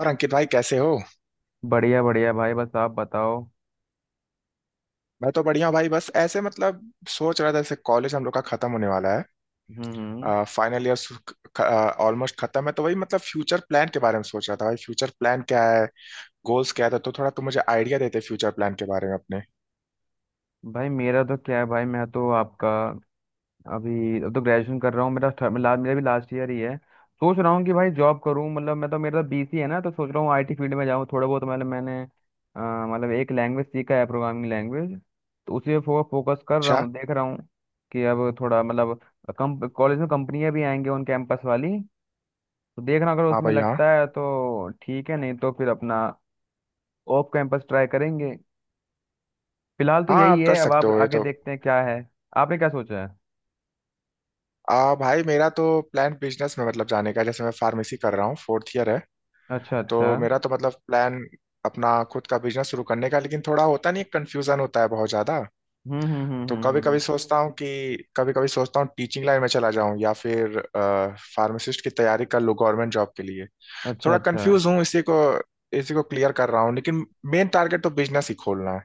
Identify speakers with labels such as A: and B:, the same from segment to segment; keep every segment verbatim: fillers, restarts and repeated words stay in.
A: और अंकित भाई, कैसे हो?
B: बढ़िया बढ़िया भाई, बस आप बताओ।
A: मैं तो बढ़िया हूँ भाई। बस ऐसे मतलब सोच रहा था जैसे कॉलेज हम लोग का खत्म होने वाला
B: हम्म हम्म।
A: है, फाइनल ईयर ऑलमोस्ट खत्म है। तो वही मतलब फ्यूचर प्लान के बारे में सोच रहा था। भाई फ्यूचर प्लान क्या है, गोल्स क्या था, तो तो थोड़ा तुम मुझे आइडिया देते फ्यूचर प्लान के बारे में अपने।
B: भाई मेरा तो क्या है भाई, मैं तो आपका अभी, अब तो ग्रेजुएशन कर रहा हूँ। मेरा थर्ड- ला, मेरा भी लास्ट ईयर ही है। सोच रहा हूँ कि भाई जॉब करूँ, मतलब मैं तो, मेरा तो बीसी है ना, तो सोच रहा हूँ आईटी फील्ड में जाऊँ, थोड़ा बहुत मतलब मैंने अ, मतलब एक लैंग्वेज सीखा है, प्रोग्रामिंग लैंग्वेज। तो उसी पे फो, फोकस कर रहा
A: अच्छा।
B: हूँ, देख रहा हूँ कि अब थोड़ा मतलब कम, कॉलेज में कंपनियाँ भी आएंगी ऑन कैंपस वाली, तो देखना अगर
A: हाँ
B: उसमें
A: भाई, हाँ।
B: लगता है तो ठीक है, नहीं तो फिर अपना ऑफ कैंपस ट्राई करेंगे। फिलहाल तो
A: हाँ
B: यही
A: आप कर
B: है, अब
A: सकते
B: आप
A: हो ये
B: आगे
A: तो।
B: देखते हैं क्या है। आपने क्या सोचा है?
A: आ, भाई मेरा तो प्लान बिजनेस में मतलब जाने का है। जैसे मैं फार्मेसी कर रहा हूँ, फोर्थ ईयर है।
B: अच्छा अच्छा।
A: तो मेरा तो मतलब प्लान अपना खुद का बिजनेस शुरू करने का, लेकिन थोड़ा होता नहीं, कंफ्यूजन होता है बहुत ज्यादा।
B: हम्म हम्म हम्म
A: तो
B: हम्म
A: कभी
B: हम्म, हम्म।
A: कभी सोचता हूँ कि कभी कभी सोचता हूँ टीचिंग लाइन में चला जाऊं, या फिर फार्मासिस्ट की तैयारी कर लूँ गवर्नमेंट जॉब के लिए।
B: अच्छा
A: थोड़ा
B: अच्छा।
A: कंफ्यूज हूँ, इसी को इसी को क्लियर कर रहा हूँ, लेकिन मेन टारगेट तो बिजनेस ही खोलना है,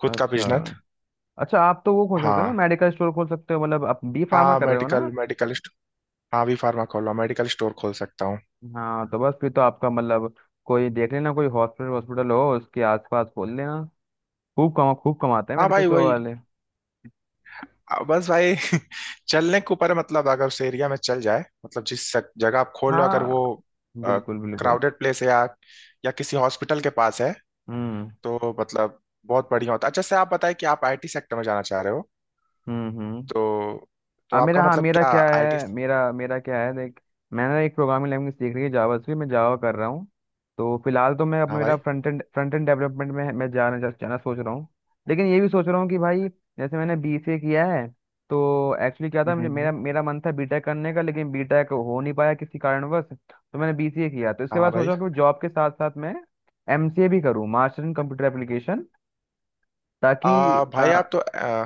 A: खुद का
B: अच्छा
A: बिजनेस।
B: अच्छा, आप तो वो खोल सकते हो ना,
A: हाँ।
B: मेडिकल स्टोर खोल सकते हो, मतलब आप बी फार्मा
A: हाँ
B: कर रहे हो ना।
A: Medical medical. हाँ भी फार्मा खोल रहा हूँ, मेडिकल स्टोर खोल सकता हूँ।
B: हाँ तो बस फिर तो आपका मतलब कोई देख लेना, कोई हॉस्पिटल हॉस्पिटल हो उसके आसपास खोल लेना। खूब कमा खूब कमाते हैं
A: हाँ
B: मेडिकल
A: भाई
B: स्टोर
A: वही।
B: वाले।
A: आ, बस भाई। चलने के ऊपर है, मतलब अगर उस एरिया में चल जाए, मतलब जिस सक- जगह आप खोल लो, अगर वो
B: हाँ बिल्कुल बिल्कुल।
A: क्राउडेड प्लेस है या या किसी हॉस्पिटल के पास है
B: हम्म
A: तो मतलब बहुत बढ़िया होता। अच्छा से आप बताएं कि आप आई टी सेक्टर में जाना चाह रहे हो,
B: हम्म हम्म।
A: तो तो
B: आ,
A: आपका
B: मेरा हाँ,
A: मतलब
B: मेरा
A: क्या
B: क्या
A: आई टी।
B: है मेरा मेरा क्या है देख, मैंने एक प्रोग्रामिंग लैंग्वेज सीख रही है, जावा से, मैं जावा कर रहा हूँ। तो फिलहाल तो मैं, अब
A: हाँ
B: मेरा
A: भाई।
B: Front end front end development में मैं जाना जा, जाना सोच रहा हूँ। लेकिन ये भी सोच रहा हूँ कि भाई, जैसे मैंने बीसीए किया है, तो एक्चुअली क्या था,
A: हम्म
B: मुझे मेरा
A: हम्म,
B: मेरा मन था बीटेक करने का, लेकिन बीटेक हो नहीं पाया किसी कारणवश, तो मैंने बीसीए किया। तो इसके
A: हाँ
B: बाद सोचा
A: भाई।
B: कि जॉब के साथ साथ मैं एमसीए भी करूँ, मास्टर इन कंप्यूटर एप्लीकेशन, ताकि
A: आ,
B: आ,
A: भाई आप तो आ,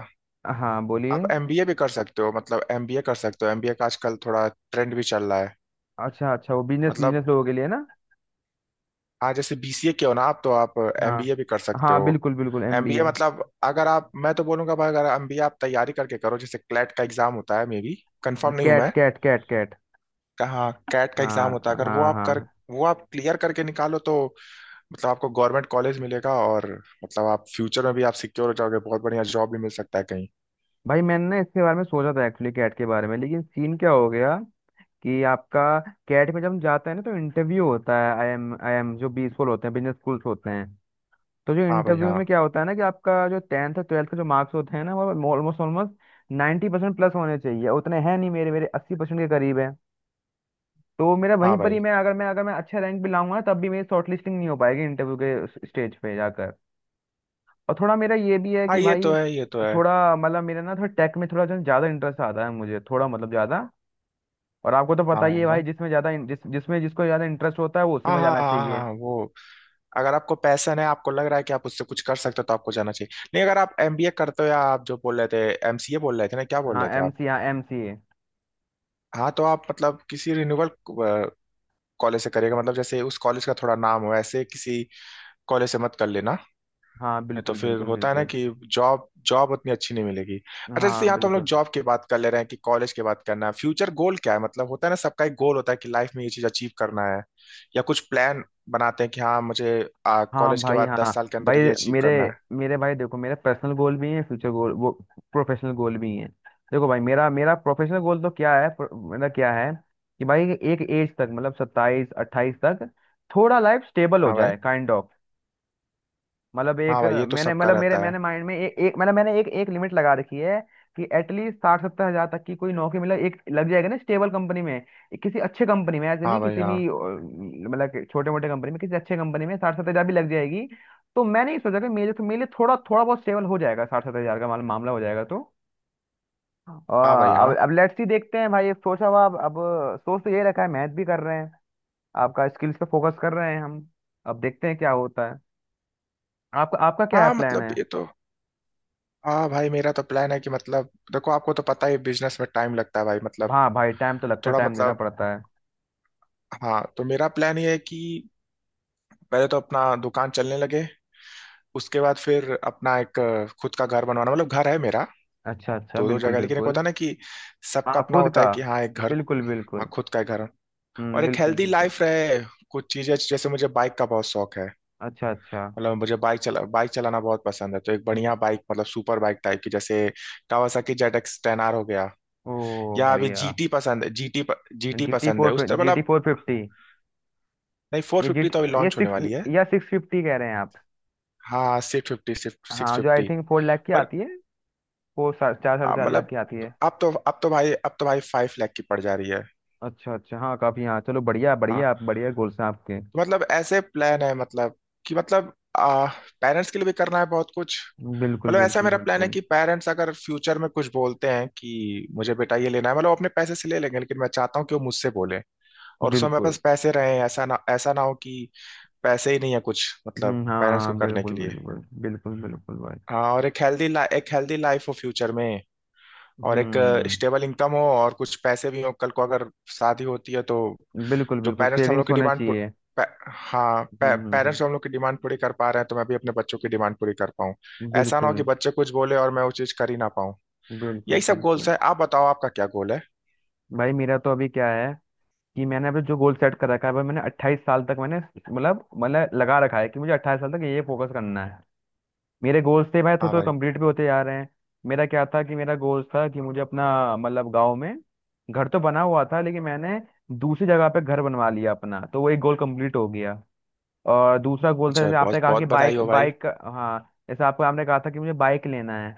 B: हाँ बोलिए।
A: आप एम बी ए भी कर सकते हो, मतलब एम बी ए कर सकते हो। एमबीए का आजकल थोड़ा ट्रेंड भी चल रहा है।
B: अच्छा अच्छा, वो बिजनेस
A: मतलब
B: बिजनेस लोगों के लिए ना।
A: हाँ जैसे बी सी ए किया हो ना आप, तो आप
B: हाँ,
A: एम बी ए भी कर सकते
B: हाँ
A: हो।
B: बिल्कुल बिल्कुल,
A: एमबीए
B: एमबीए।
A: मतलब अगर आप, मैं तो बोलूंगा भाई अगर एम बी ए आप तैयारी करके करो, जैसे क्लैट का एग्जाम होता है, मे बी कंफर्म नहीं हूं
B: कैट,
A: मैं।
B: CAT, CAT, CAT.
A: हाँ कैट का
B: हाँ
A: एग्जाम होता है,
B: हाँ
A: अगर वो
B: हाँ
A: आप कर,
B: हाँ।
A: वो आप क्लियर करके निकालो तो मतलब आपको गवर्नमेंट कॉलेज मिलेगा, और मतलब आप फ्यूचर में भी आप सिक्योर हो जाओगे, बहुत बढ़िया जॉब भी मिल सकता है कहीं।
B: भाई मैंने ना इसके बारे में सोचा था, एक्चुअली कैट के बारे में, लेकिन सीन क्या हो गया कि आपका, कैट में जब हम जाते हैं ना तो इंटरव्यू होता है, आई एम आई एम जो बी स्कूल होते हैं, बिजनेस स्कूल्स होते हैं, तो जो
A: हाँ भाई
B: इंटरव्यू
A: हाँ।
B: में क्या होता है ना कि आपका जो टेंथ और ट्वेल्थ का जो मार्क्स होते हैं ना, वो almost almost ninety percent plus होने चाहिए, उतने हैं नहीं मेरे मेरे अस्सी परसेंट के करीब है। तो मेरा
A: हाँ
B: वहीं पर ही,
A: भाई
B: मैं अगर मैं अगर मैं अच्छे रैंक भी लाऊंगा ना, तब भी मेरी शॉर्ट लिस्टिंग नहीं हो पाएगी इंटरव्यू के स्टेज पे जाकर। और थोड़ा मेरा ये भी है
A: हाँ,
B: कि
A: ये
B: भाई,
A: तो है ये तो है।
B: थोड़ा मतलब मेरा ना, थोड़ा टेक में थोड़ा जो है ज्यादा इंटरेस्ट आता है मुझे, थोड़ा मतलब ज्यादा। और आपको तो
A: हाँ
B: पता ही है
A: हाँ
B: भाई, जिसमें ज्यादा इन- जिस जिसमें जिसको ज्यादा इंटरेस्ट होता है वो उसी
A: हाँ
B: में
A: हाँ
B: जाना
A: हाँ हाँ,
B: चाहिए।
A: हाँ, वो अगर आपको पैसन है, आपको लग रहा है कि आप उससे कुछ कर सकते हो, तो आपको जाना चाहिए। नहीं अगर आप एम बी ए करते हो, या आप जो बोल रहे थे एम सी ए बोल रहे थे ना, क्या बोल
B: हाँ
A: रहे थे
B: एम
A: आप?
B: सी हाँ एम सी ए।
A: हाँ तो आप मतलब किसी रिन्यूअल कॉलेज से करिएगा, मतलब जैसे उस कॉलेज का थोड़ा नाम हो, ऐसे किसी कॉलेज से मत कर लेना।
B: हाँ
A: नहीं तो
B: बिल्कुल
A: फिर
B: बिल्कुल
A: होता है ना
B: बिल्कुल।
A: कि जॉब जॉब उतनी अच्छी नहीं मिलेगी। अच्छा जैसे
B: हाँ
A: यहाँ तो हम लोग
B: बिल्कुल।
A: जॉब की बात कर ले रहे हैं, कि कॉलेज की बात करना है, फ्यूचर गोल क्या है, मतलब होता है ना सबका एक गोल होता है कि लाइफ में ये चीज अचीव करना है, या कुछ प्लान बनाते हैं कि हाँ मुझे
B: हाँ
A: कॉलेज के
B: भाई।
A: बाद
B: हाँ
A: दस साल के अंदर
B: भाई
A: ये अचीव
B: मेरे
A: करना है।
B: मेरे भाई देखो, मेरे पर्सनल गोल भी हैं, फ्यूचर गोल, वो प्रोफेशनल गोल भी हैं। देखो भाई, मेरा मेरा प्रोफेशनल गोल तो क्या है, प्रो- मेरा क्या है कि भाई, एक एज तक, मतलब सत्ताईस अट्ठाईस तक थोड़ा लाइफ स्टेबल हो
A: हाँ भाई।
B: जाए, काइंड ऑफ। मतलब
A: हाँ
B: एक
A: भाई ये तो
B: मैंने,
A: सबका
B: मतलब मेरे,
A: रहता है।
B: मैंने माइंड में ए, एक मतलब मैंने एक एक लिमिट लगा रखी है कि एटलीस्ट साठ सत्तर हजार तक की कोई नौकरी, मतलब एक लग जाएगा ना स्टेबल कंपनी में, एक किसी अच्छे कंपनी में, ऐसे नहीं
A: हाँ भाई
B: किसी
A: हाँ।
B: भी अ, मतलब छोटे मोटे कंपनी में, किसी अच्छे कंपनी में साठ सत्तर हजार भी लग जाएगी। तो मैंने ये सोचा कि मेरे तो, मेरे लिए थोड़ा, थोड़ा बहुत स्टेबल हो जाएगा, साठ सत्तर हजार का माल- मामला हो जाएगा तो अ,
A: हाँ भाई
B: अब
A: हाँ।
B: अब लेट्स सी देखते हैं भाई, अब सोचा हुआ, अब अब सोच तो ये रखा है, मैथ भी कर रहे हैं, आपका स्किल्स पे फोकस कर रहे हैं हम। अब देखते हैं क्या होता है। आपका आपका क्या है
A: हाँ
B: प्लान
A: मतलब
B: है?
A: ये तो। हाँ भाई मेरा तो प्लान है कि मतलब देखो आपको तो पता ही बिजनेस में टाइम लगता है भाई मतलब,
B: हाँ भाई, टाइम तो लगता है,
A: थोड़ा
B: टाइम देना
A: मतलब,
B: पड़ता है।
A: हाँ तो मेरा प्लान ये है कि पहले तो अपना दुकान चलने लगे, उसके बाद फिर अपना एक अ, खुद का घर बनवाना। मतलब घर है मेरा
B: अच्छा अच्छा,
A: दो दो
B: बिल्कुल
A: जगह, लेकिन एक
B: बिल्कुल।
A: होता है ना कि सबका
B: हाँ
A: अपना
B: खुद
A: होता
B: का,
A: है कि हाँ एक घर।
B: बिल्कुल
A: हाँ
B: बिल्कुल।
A: खुद का घर।
B: हम्म
A: और एक
B: बिल्कुल
A: हेल्दी
B: बिल्कुल।
A: लाइफ रहे। कुछ चीजें जैसे मुझे बाइक का बहुत शौक है,
B: अच्छा अच्छा।
A: मतलब मुझे बाइक चला बाइक चलाना बहुत पसंद है। तो एक
B: हम्म।
A: बढ़िया बाइक, मतलब सुपर बाइक टाइप की, जैसे Kawasaki Z X ten R हो गया,
B: ओ
A: या अभी
B: बढ़िया।
A: जीटी पसंद है, जीटी, जीटी
B: जी टी
A: पसंद है
B: फोर,
A: उस तरह
B: जी टी
A: मतलब।
B: Four fifty.
A: नहीं फोर
B: ये जी,
A: फिफ्टी तो अभी
B: ये
A: लॉन्च होने
B: सिक्स,
A: वाली है।
B: या सिक्स फिफ्टी कह रहे हैं आप?
A: हाँ सिक्स फिफ्टी, सिक्स
B: हाँ जो I
A: fifty
B: think four lakh की आती है, फोर सा, चार साढ़े
A: आ,
B: चार लाख
A: मतलब
B: की आती है।
A: अब तो अब तो भाई अब तो भाई फाइव लाख की पड़ जा रही है।
B: अच्छा अच्छा, हाँ काफी, हाँ चलो बढ़िया
A: हाँ
B: बढ़िया, आप बढ़िया गोल्स हैं आपके।
A: तो मतलब ऐसे प्लान है मतलब कि मतलब आ, पेरेंट्स के लिए भी करना है बहुत कुछ।
B: बिल्कुल
A: मतलब ऐसा
B: बिल्कुल
A: मेरा प्लान है
B: बिल्कुल।
A: कि पेरेंट्स अगर फ्यूचर में कुछ बोलते हैं कि मुझे बेटा ये लेना है, मतलब वो अपने पैसे से ले लेंगे, लेकिन मैं चाहता हूँ कि वो मुझसे बोले और उसमें मेरे पास
B: बिल्कुल।
A: पैसे रहे, ऐसा ना ऐसा ना हो कि पैसे ही नहीं है कुछ मतलब
B: हम्म।
A: पेरेंट्स को
B: हाँ
A: करने के
B: बिल्कुल
A: लिए।
B: बिल्कुल बिल्कुल बिल्कुल भाई।
A: हाँ और एक हेल्दी, एक हेल्दी लाइफ हो फ्यूचर में। और एक
B: हम्म
A: स्टेबल इनकम हो, और कुछ पैसे भी हो कल को अगर शादी होती है तो।
B: बिल्कुल।
A: जो
B: बिल्कुल,
A: पेरेंट्स हम लोग
B: सेविंग्स
A: की
B: होना
A: डिमांड पू-
B: चाहिए।
A: पे, हाँ पे,
B: हम्म हम्म।
A: पेरेंट्स जो हम लोग की डिमांड पूरी कर पा रहे हैं, तो मैं भी अपने बच्चों की डिमांड पूरी कर पाऊँ।
B: हम्म
A: ऐसा ना हो
B: बिल्कुल
A: कि बच्चे कुछ बोले और मैं वो चीज कर ही ना पाऊँ। यही
B: बिल्कुल
A: सब गोल्स
B: बिल्कुल
A: है। आप बताओ आपका क्या गोल है।
B: भाई मेरा तो अभी क्या है कि मैंने अभी जो गोल सेट कर रखा है भाई, मैंने अट्ठाईस साल तक, मैंने मतलब मतलब लगा रखा है कि मुझे अट्ठाईस साल तक ये फोकस करना है। मेरे गोल्स थे भाई, थोड़ा
A: हाँ
B: थोड़ा
A: भाई।
B: कंप्लीट भी होते जा रहे हैं। मेरा क्या था, कि मेरा गोल्स था कि मुझे अपना मतलब गाँव में घर तो बना हुआ था, लेकिन मैंने दूसरी जगह पे घर बनवा लिया अपना, तो वो एक गोल कंप्लीट हो गया। और दूसरा गोल था
A: अच्छा भाई
B: जैसे आपने
A: बहुत
B: कहा कि
A: बहुत बधाई
B: बाइक
A: हो भाई।
B: बाइक हाँ जैसे आपको, आपने कहा था कि मुझे बाइक लेना है,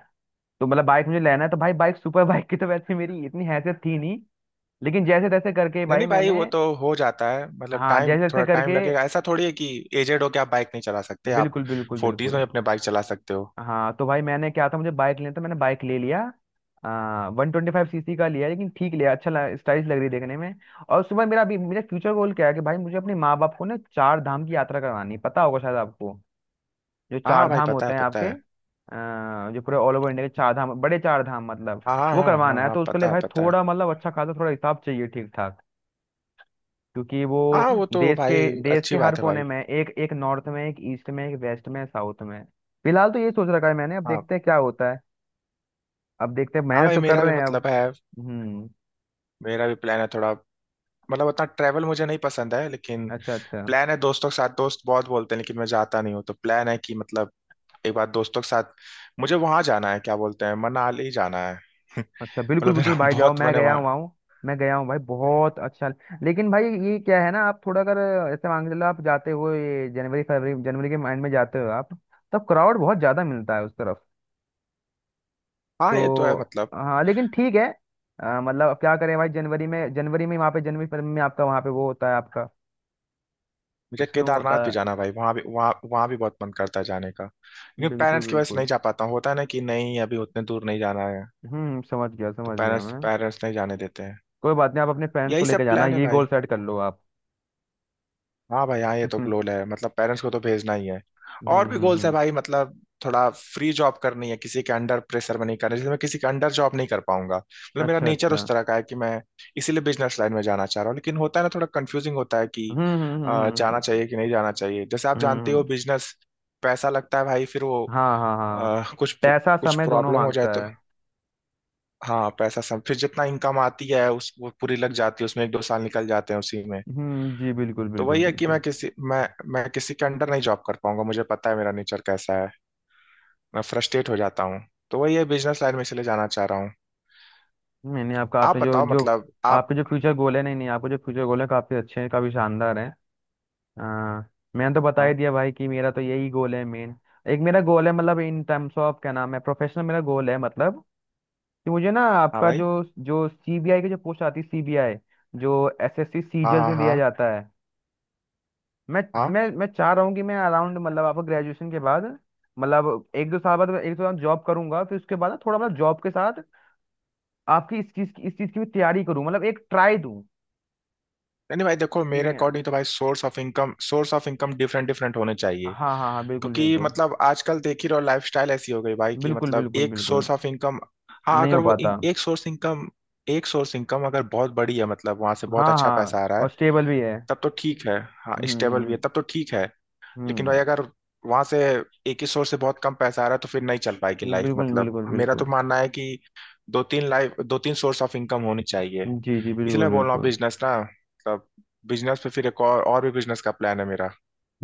B: तो मतलब बाइक मुझे लेना है, तो भाई बाइक, सुपर बाइक की तो वैसे मेरी इतनी हैसियत थी नहीं, लेकिन जैसे तैसे करके
A: नहीं
B: भाई
A: नहीं भाई वो
B: मैंने,
A: तो हो जाता है, मतलब
B: हाँ
A: टाइम
B: जैसे तैसे
A: थोड़ा टाइम
B: करके,
A: लगेगा, ऐसा थोड़ी है कि एजेड हो के आप बाइक नहीं चला सकते। आप
B: बिल्कुल बिल्कुल
A: फोर्टीज
B: बिल्कुल।
A: में अपने बाइक चला सकते हो।
B: हाँ तो भाई मैंने क्या था, मुझे बाइक लेना था, मैंने बाइक ले लिया। आ, वन ट्वेंटी फाइव सीसी का लिया, लेकिन ठीक लिया, अच्छा स्टाइलिश लग रही देखने में। और सुबह मेरा अभी मेरा फ्यूचर गोल क्या है कि भाई, मुझे अपने माँ बाप को ना चार धाम की यात्रा करवानी है, पता होगा शायद आपको, जो
A: हाँ
B: चार
A: भाई
B: धाम
A: पता
B: होते
A: है,
B: हैं
A: पता
B: आपके,
A: है।
B: अ, जो पूरे ऑल ओवर इंडिया के चार धाम, बड़े चार धाम मतलब,
A: हाँ हाँ
B: वो
A: हाँ हाँ
B: करवाना है
A: हाँ,
B: तो उसके लिए
A: पता है
B: भाई
A: पता है।
B: थोड़ा मतलब अच्छा खासा थोड़ा हिसाब चाहिए, ठीक ठाक, क्योंकि वो
A: हाँ वो तो
B: देश के
A: भाई।
B: देश
A: अच्छी
B: के हर
A: बात है
B: कोने
A: भाई।
B: में एक एक, नॉर्थ में एक, ईस्ट में एक, वेस्ट में, साउथ में। फिलहाल तो ये सोच रखा है मैंने, अब
A: हाँ
B: देखते हैं क्या होता है। अब देखते हैं,
A: हाँ
B: मेहनत
A: भाई
B: तो कर
A: मेरा भी
B: रहे हैं अब।
A: मतलब है।
B: हम्म।
A: मेरा भी प्लान है थोड़ा मतलब, उतना ट्रैवल मुझे नहीं पसंद है, लेकिन
B: अच्छा अच्छा।
A: प्लान है दोस्तों के साथ। दोस्त बहुत बोलते हैं लेकिन मैं जाता नहीं हूँ, तो प्लान है कि मतलब एक बार दोस्तों के साथ मुझे वहां जाना है, क्या बोलते हैं, मनाली जाना है।
B: अच्छा बिल्कुल
A: मतलब
B: बिल्कुल
A: मेरा
B: भाई, जाओ,
A: बहुत
B: मैं
A: मन है
B: गया
A: वहाँ।
B: हुआ हूँ। मैं गया हूँ भाई, बहुत अच्छा। लेकिन भाई ये क्या है ना, आप थोड़ा अगर ऐसे मान के चलो, आप जाते हो ये जनवरी फरवरी, जनवरी के माइंड में जाते हो आप, तब क्राउड बहुत ज्यादा मिलता है उस तरफ।
A: हाँ ये तो है
B: तो
A: मतलब।
B: हाँ लेकिन ठीक है। अ, मतलब अब क्या करें भाई, जनवरी में जनवरी में वहाँ पे जनवरी फरवरी में आपका वहाँ पे वो होता है आपका,
A: मुझे
B: स्नो होता
A: केदारनाथ
B: है।
A: भी जाना है भाई, वहां भी वहां वहां भी बहुत मन करता है जाने का, लेकिन
B: बिल्कुल
A: पेरेंट्स की वजह से
B: बिल्कुल।
A: नहीं जा पाता हूँ। होता है ना कि नहीं अभी उतने दूर नहीं जाना है,
B: हम्म समझ गया,
A: तो
B: समझ गया
A: पेरेंट्स
B: मैं।
A: पेरेंट्स नहीं जाने देते हैं।
B: कोई बात नहीं, आप अपने फ्रेंड्स को
A: यही
B: लेकर
A: सब
B: जाना,
A: प्लान है
B: ये
A: भाई।
B: गोल सेट कर लो आप।
A: हाँ भाई हाँ, ये तो
B: हम्म
A: गोल है मतलब पेरेंट्स को तो भेजना ही है। और
B: हम्म
A: भी गोल्स है
B: हम्म।
A: भाई मतलब थोड़ा फ्री जॉब करनी है, किसी के अंडर प्रेशर में नहीं करना, जैसे मैं किसी के अंडर जॉब नहीं कर पाऊंगा, मतलब मेरा
B: अच्छा
A: नेचर
B: अच्छा।
A: उस तरह का है कि मैं, इसीलिए बिजनेस लाइन में जाना चाह रहा हूँ। लेकिन होता है ना थोड़ा कंफ्यूजिंग होता है कि
B: हम्म हम्म हम्म
A: अ,
B: हम्म,
A: जाना
B: हम्म।
A: चाहिए कि नहीं जाना चाहिए। जैसे आप जानते हो
B: हम्म।
A: बिजनेस पैसा लगता है भाई, फिर वो
B: हाँ हाँ हाँ,
A: अ, कुछ
B: पैसा
A: कुछ
B: समय दोनों
A: प्रॉब्लम हो जाए
B: मांगता
A: तो।
B: है।
A: हाँ पैसा सब, फिर जितना इनकम आती है उस वो पूरी लग जाती है उसमें, एक दो साल निकल जाते हैं उसी में।
B: हम्म जी बिल्कुल
A: तो
B: बिल्कुल
A: वही है कि
B: बिल्कुल।
A: मैं किसी मैं मैं किसी के अंडर नहीं जॉब कर पाऊंगा, मुझे पता है मेरा नेचर कैसा है, मैं फ्रस्ट्रेट हो जाता हूँ। तो वही है बिजनेस लाइन में इसलिए जाना चाह रहा हूँ।
B: नहीं नहीं आपका आपने
A: आप
B: जो
A: बताओ
B: जो
A: मतलब आप।
B: आपके जो फ्यूचर गोल है, नहीं नहीं, आपके जो फ्यूचर गोल है काफी अच्छे हैं, काफी शानदार हैं। आ, मैंने तो बता
A: हाँ
B: ही दिया भाई कि मेरा तो यही गोल है मेन। एक मेरा गोल है, मतलब इन टर्म्स ऑफ, क्या नाम है, प्रोफेशनल मेरा गोल है, मतलब कि मुझे ना
A: हाँ
B: आपका
A: भाई
B: जो, जो सीबीआई की जो पोस्ट आती है, सीबीआई जो एसएससी
A: हाँ
B: सीजीएल
A: हाँ
B: में दिया
A: हाँ
B: जाता है, मैं
A: हाँ।
B: मैं मैं चाह रहा हूँ कि मैं अराउंड मतलब आपको, ग्रेजुएशन के बाद, मतलब एक दो साल बाद मैं एक दो साल जॉब करूंगा, फिर उसके बाद ना थोड़ा मतलब जॉब के साथ आपकी इस चीज की इस चीज की भी तैयारी करूँ, मतलब एक ट्राई दूं
A: नहीं नहीं भाई देखो
B: कि
A: मेरे अकॉर्डिंग तो भाई source of income, source of income different different होने चाहिए।
B: हाँ हाँ हाँ, बिल्कुल
A: क्योंकि
B: बिल्कुल
A: मतलब आजकल देख ही रहो लाइफस्टाइल ऐसी हो गई भाई कि
B: बिल्कुल,
A: मतलब
B: बिल्कुल
A: एक
B: बिल्कुल
A: सोर्स ऑफ इनकम। हाँ
B: नहीं
A: अगर
B: हो
A: वो
B: पाता।
A: इन- एक सोर्स इनकम, एक सोर्स इनकम अगर बहुत बड़ी है, मतलब वहां से बहुत
B: हाँ
A: अच्छा
B: हाँ,
A: पैसा आ रहा है
B: और स्टेबल भी है।
A: तब तो ठीक है। हाँ स्टेबल भी
B: हम्म
A: है तब तो ठीक है। लेकिन
B: हम्म
A: भाई अगर वहां से एक ही सोर्स से बहुत कम पैसा आ रहा है तो फिर नहीं चल पाएगी
B: हम्म,
A: लाइफ
B: बिल्कुल
A: मतलब।
B: बिल्कुल
A: मेरा तो
B: बिल्कुल।
A: मानना है कि दो तीन लाइफ दो तीन सोर्स ऑफ इनकम होनी चाहिए।
B: जी जी
A: इसलिए
B: बिल्कुल
A: मैं बोल रहा हूँ
B: बिल्कुल
A: बिजनेस ना मतलब बिजनेस पे फिर एक और, और भी बिजनेस का प्लान है मेरा।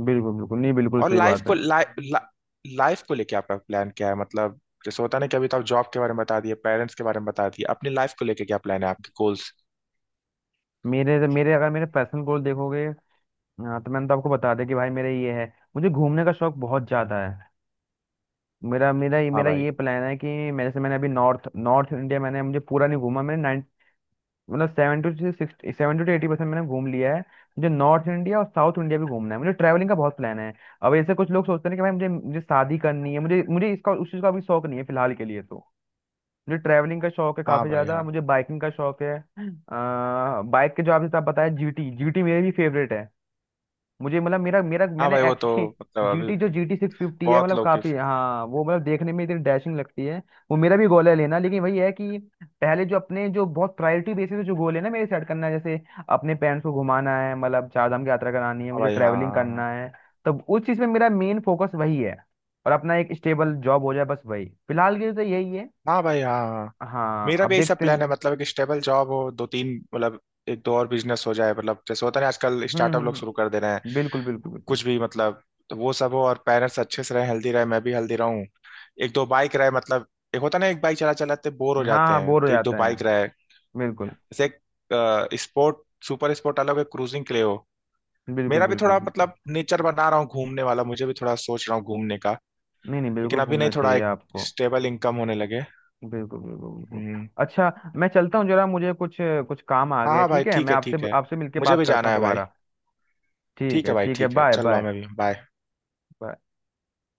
B: बिल्कुल। बिल्कुल, नहीं बिल्कुल
A: और
B: सही
A: लाइफ
B: बात
A: को
B: है।
A: लाइफ लाइफ को लेके आपका प्लान क्या है मतलब, जैसे होता नहीं कि अभी तो आप जॉब के बारे में बता दिए, पेरेंट्स के बारे में बता दिए, अपनी लाइफ को लेके क्या प्लान है आपके गोल्स।
B: मेरे मेरे अगर मेरे पर्सनल गोल देखोगे, हाँ तो मैंने तो आपको बता दिया कि भाई मेरा ये है, मुझे घूमने का शौक बहुत ज्यादा है। मेरा मेरा ये
A: हाँ
B: मेरा
A: भाई।
B: ये प्लान है कि मैं, जैसे मैंने अभी नॉर्थ नॉर्थ इंडिया मैंने, मुझे पूरा नहीं घूमा, मैंने नाइन मतलब seven to sixty seven to eighty percent मैंने घूम लिया है। मुझे नॉर्थ इंडिया और साउथ इंडिया भी घूमना है, मुझे ट्रैवलिंग का बहुत प्लान है। अब ऐसे कुछ लोग सोचते हैं कि भाई मुझे, मुझे शादी करनी है, मुझे मुझे इसका उस चीज़ का भी शौक नहीं है फिलहाल के लिए। तो मुझे ट्रैवलिंग का शौक है
A: हाँ
B: काफी
A: भाई
B: ज्यादा,
A: हाँ
B: मुझे बाइकिंग का शौक है। बाइक के जो आपने, आप बताया जीटी, जीटी मेरी भी फेवरेट है। मुझे मतलब, मेरा मेरा
A: हाँ।
B: मैंने
A: भाई वो
B: एक्चुअली,
A: तो मतलब अभी।
B: जीटी जो जीटी सिक्स फिफ्टी है
A: बहुत
B: मतलब,
A: लोग के
B: काफी
A: हाँ।
B: हाँ, वो मतलब देखने में इतनी डैशिंग लगती है, वो मेरा भी गोल है लेना। लेकिन वही है कि पहले जो अपने जो बहुत प्रायोरिटी बेसिस पे जो गोल है ना मेरे, सेट करना है, जैसे अपने पेरेंट्स को घुमाना है, मतलब चार धाम की यात्रा करानी है, मुझे
A: भाई हाँ
B: ट्रैवलिंग
A: हाँ हाँ।
B: करना है, तब उस चीज में मेरा मेन फोकस वही है, और अपना एक स्टेबल जॉब हो जाए बस, वही फिलहाल के लिए तो यही है।
A: हाँ भाई हाँ हाँ हाँ।
B: हाँ
A: मेरा भी
B: अब
A: यही सब
B: देखते हैं।
A: प्लान है मतलब एक स्टेबल जॉब हो, दो तीन मतलब एक दो और बिजनेस हो जाए, मतलब जैसे होता है ना आजकल
B: हम्म
A: स्टार्टअप लोग शुरू
B: हम्म,
A: कर दे रहे हैं
B: बिल्कुल बिल्कुल बिल्कुल।
A: कुछ भी मतलब। तो वो सब हो, और पेरेंट्स अच्छे से रहे, हेल्दी रहे, मैं भी हेल्दी रहूं। एक दो बाइक रहे मतलब, एक होता है ना एक बाइक चला चलाते बोर हो
B: हाँ
A: जाते
B: हाँ,
A: हैं
B: बोर हो
A: तो एक दो
B: जाता है।
A: बाइक रहे।
B: बिल्कुल
A: जैसे एक स्पोर्ट, सुपर स्पोर्ट अलग है, क्रूजिंग के लिए हो।
B: बिल्कुल
A: मेरा भी
B: बिल्कुल
A: थोड़ा
B: बिल्कुल।
A: मतलब नेचर बना रहा हूँ घूमने वाला, मुझे भी थोड़ा सोच रहा हूँ घूमने का।
B: नहीं नहीं, बिल्कुल
A: लेकिन अभी नहीं,
B: घूमना
A: थोड़ा
B: चाहिए
A: एक
B: आपको।
A: स्टेबल इनकम होने लगे।
B: बिल्कुल बिल्कुल बिल्कुल।
A: हम्म।
B: अच्छा मैं चलता हूँ जरा, मुझे कुछ कुछ काम आ
A: हाँ
B: गया है,
A: हाँ भाई
B: ठीक है,
A: ठीक
B: मैं
A: है
B: आपसे
A: ठीक है।
B: आपसे मिलके
A: मुझे
B: बात
A: भी
B: करता
A: जाना
B: हूँ
A: है भाई।
B: दोबारा। ठीक
A: ठीक
B: है
A: है भाई
B: ठीक है।
A: ठीक है,
B: बाय
A: चल रहा हूँ मैं भी, बाय।
B: बाय।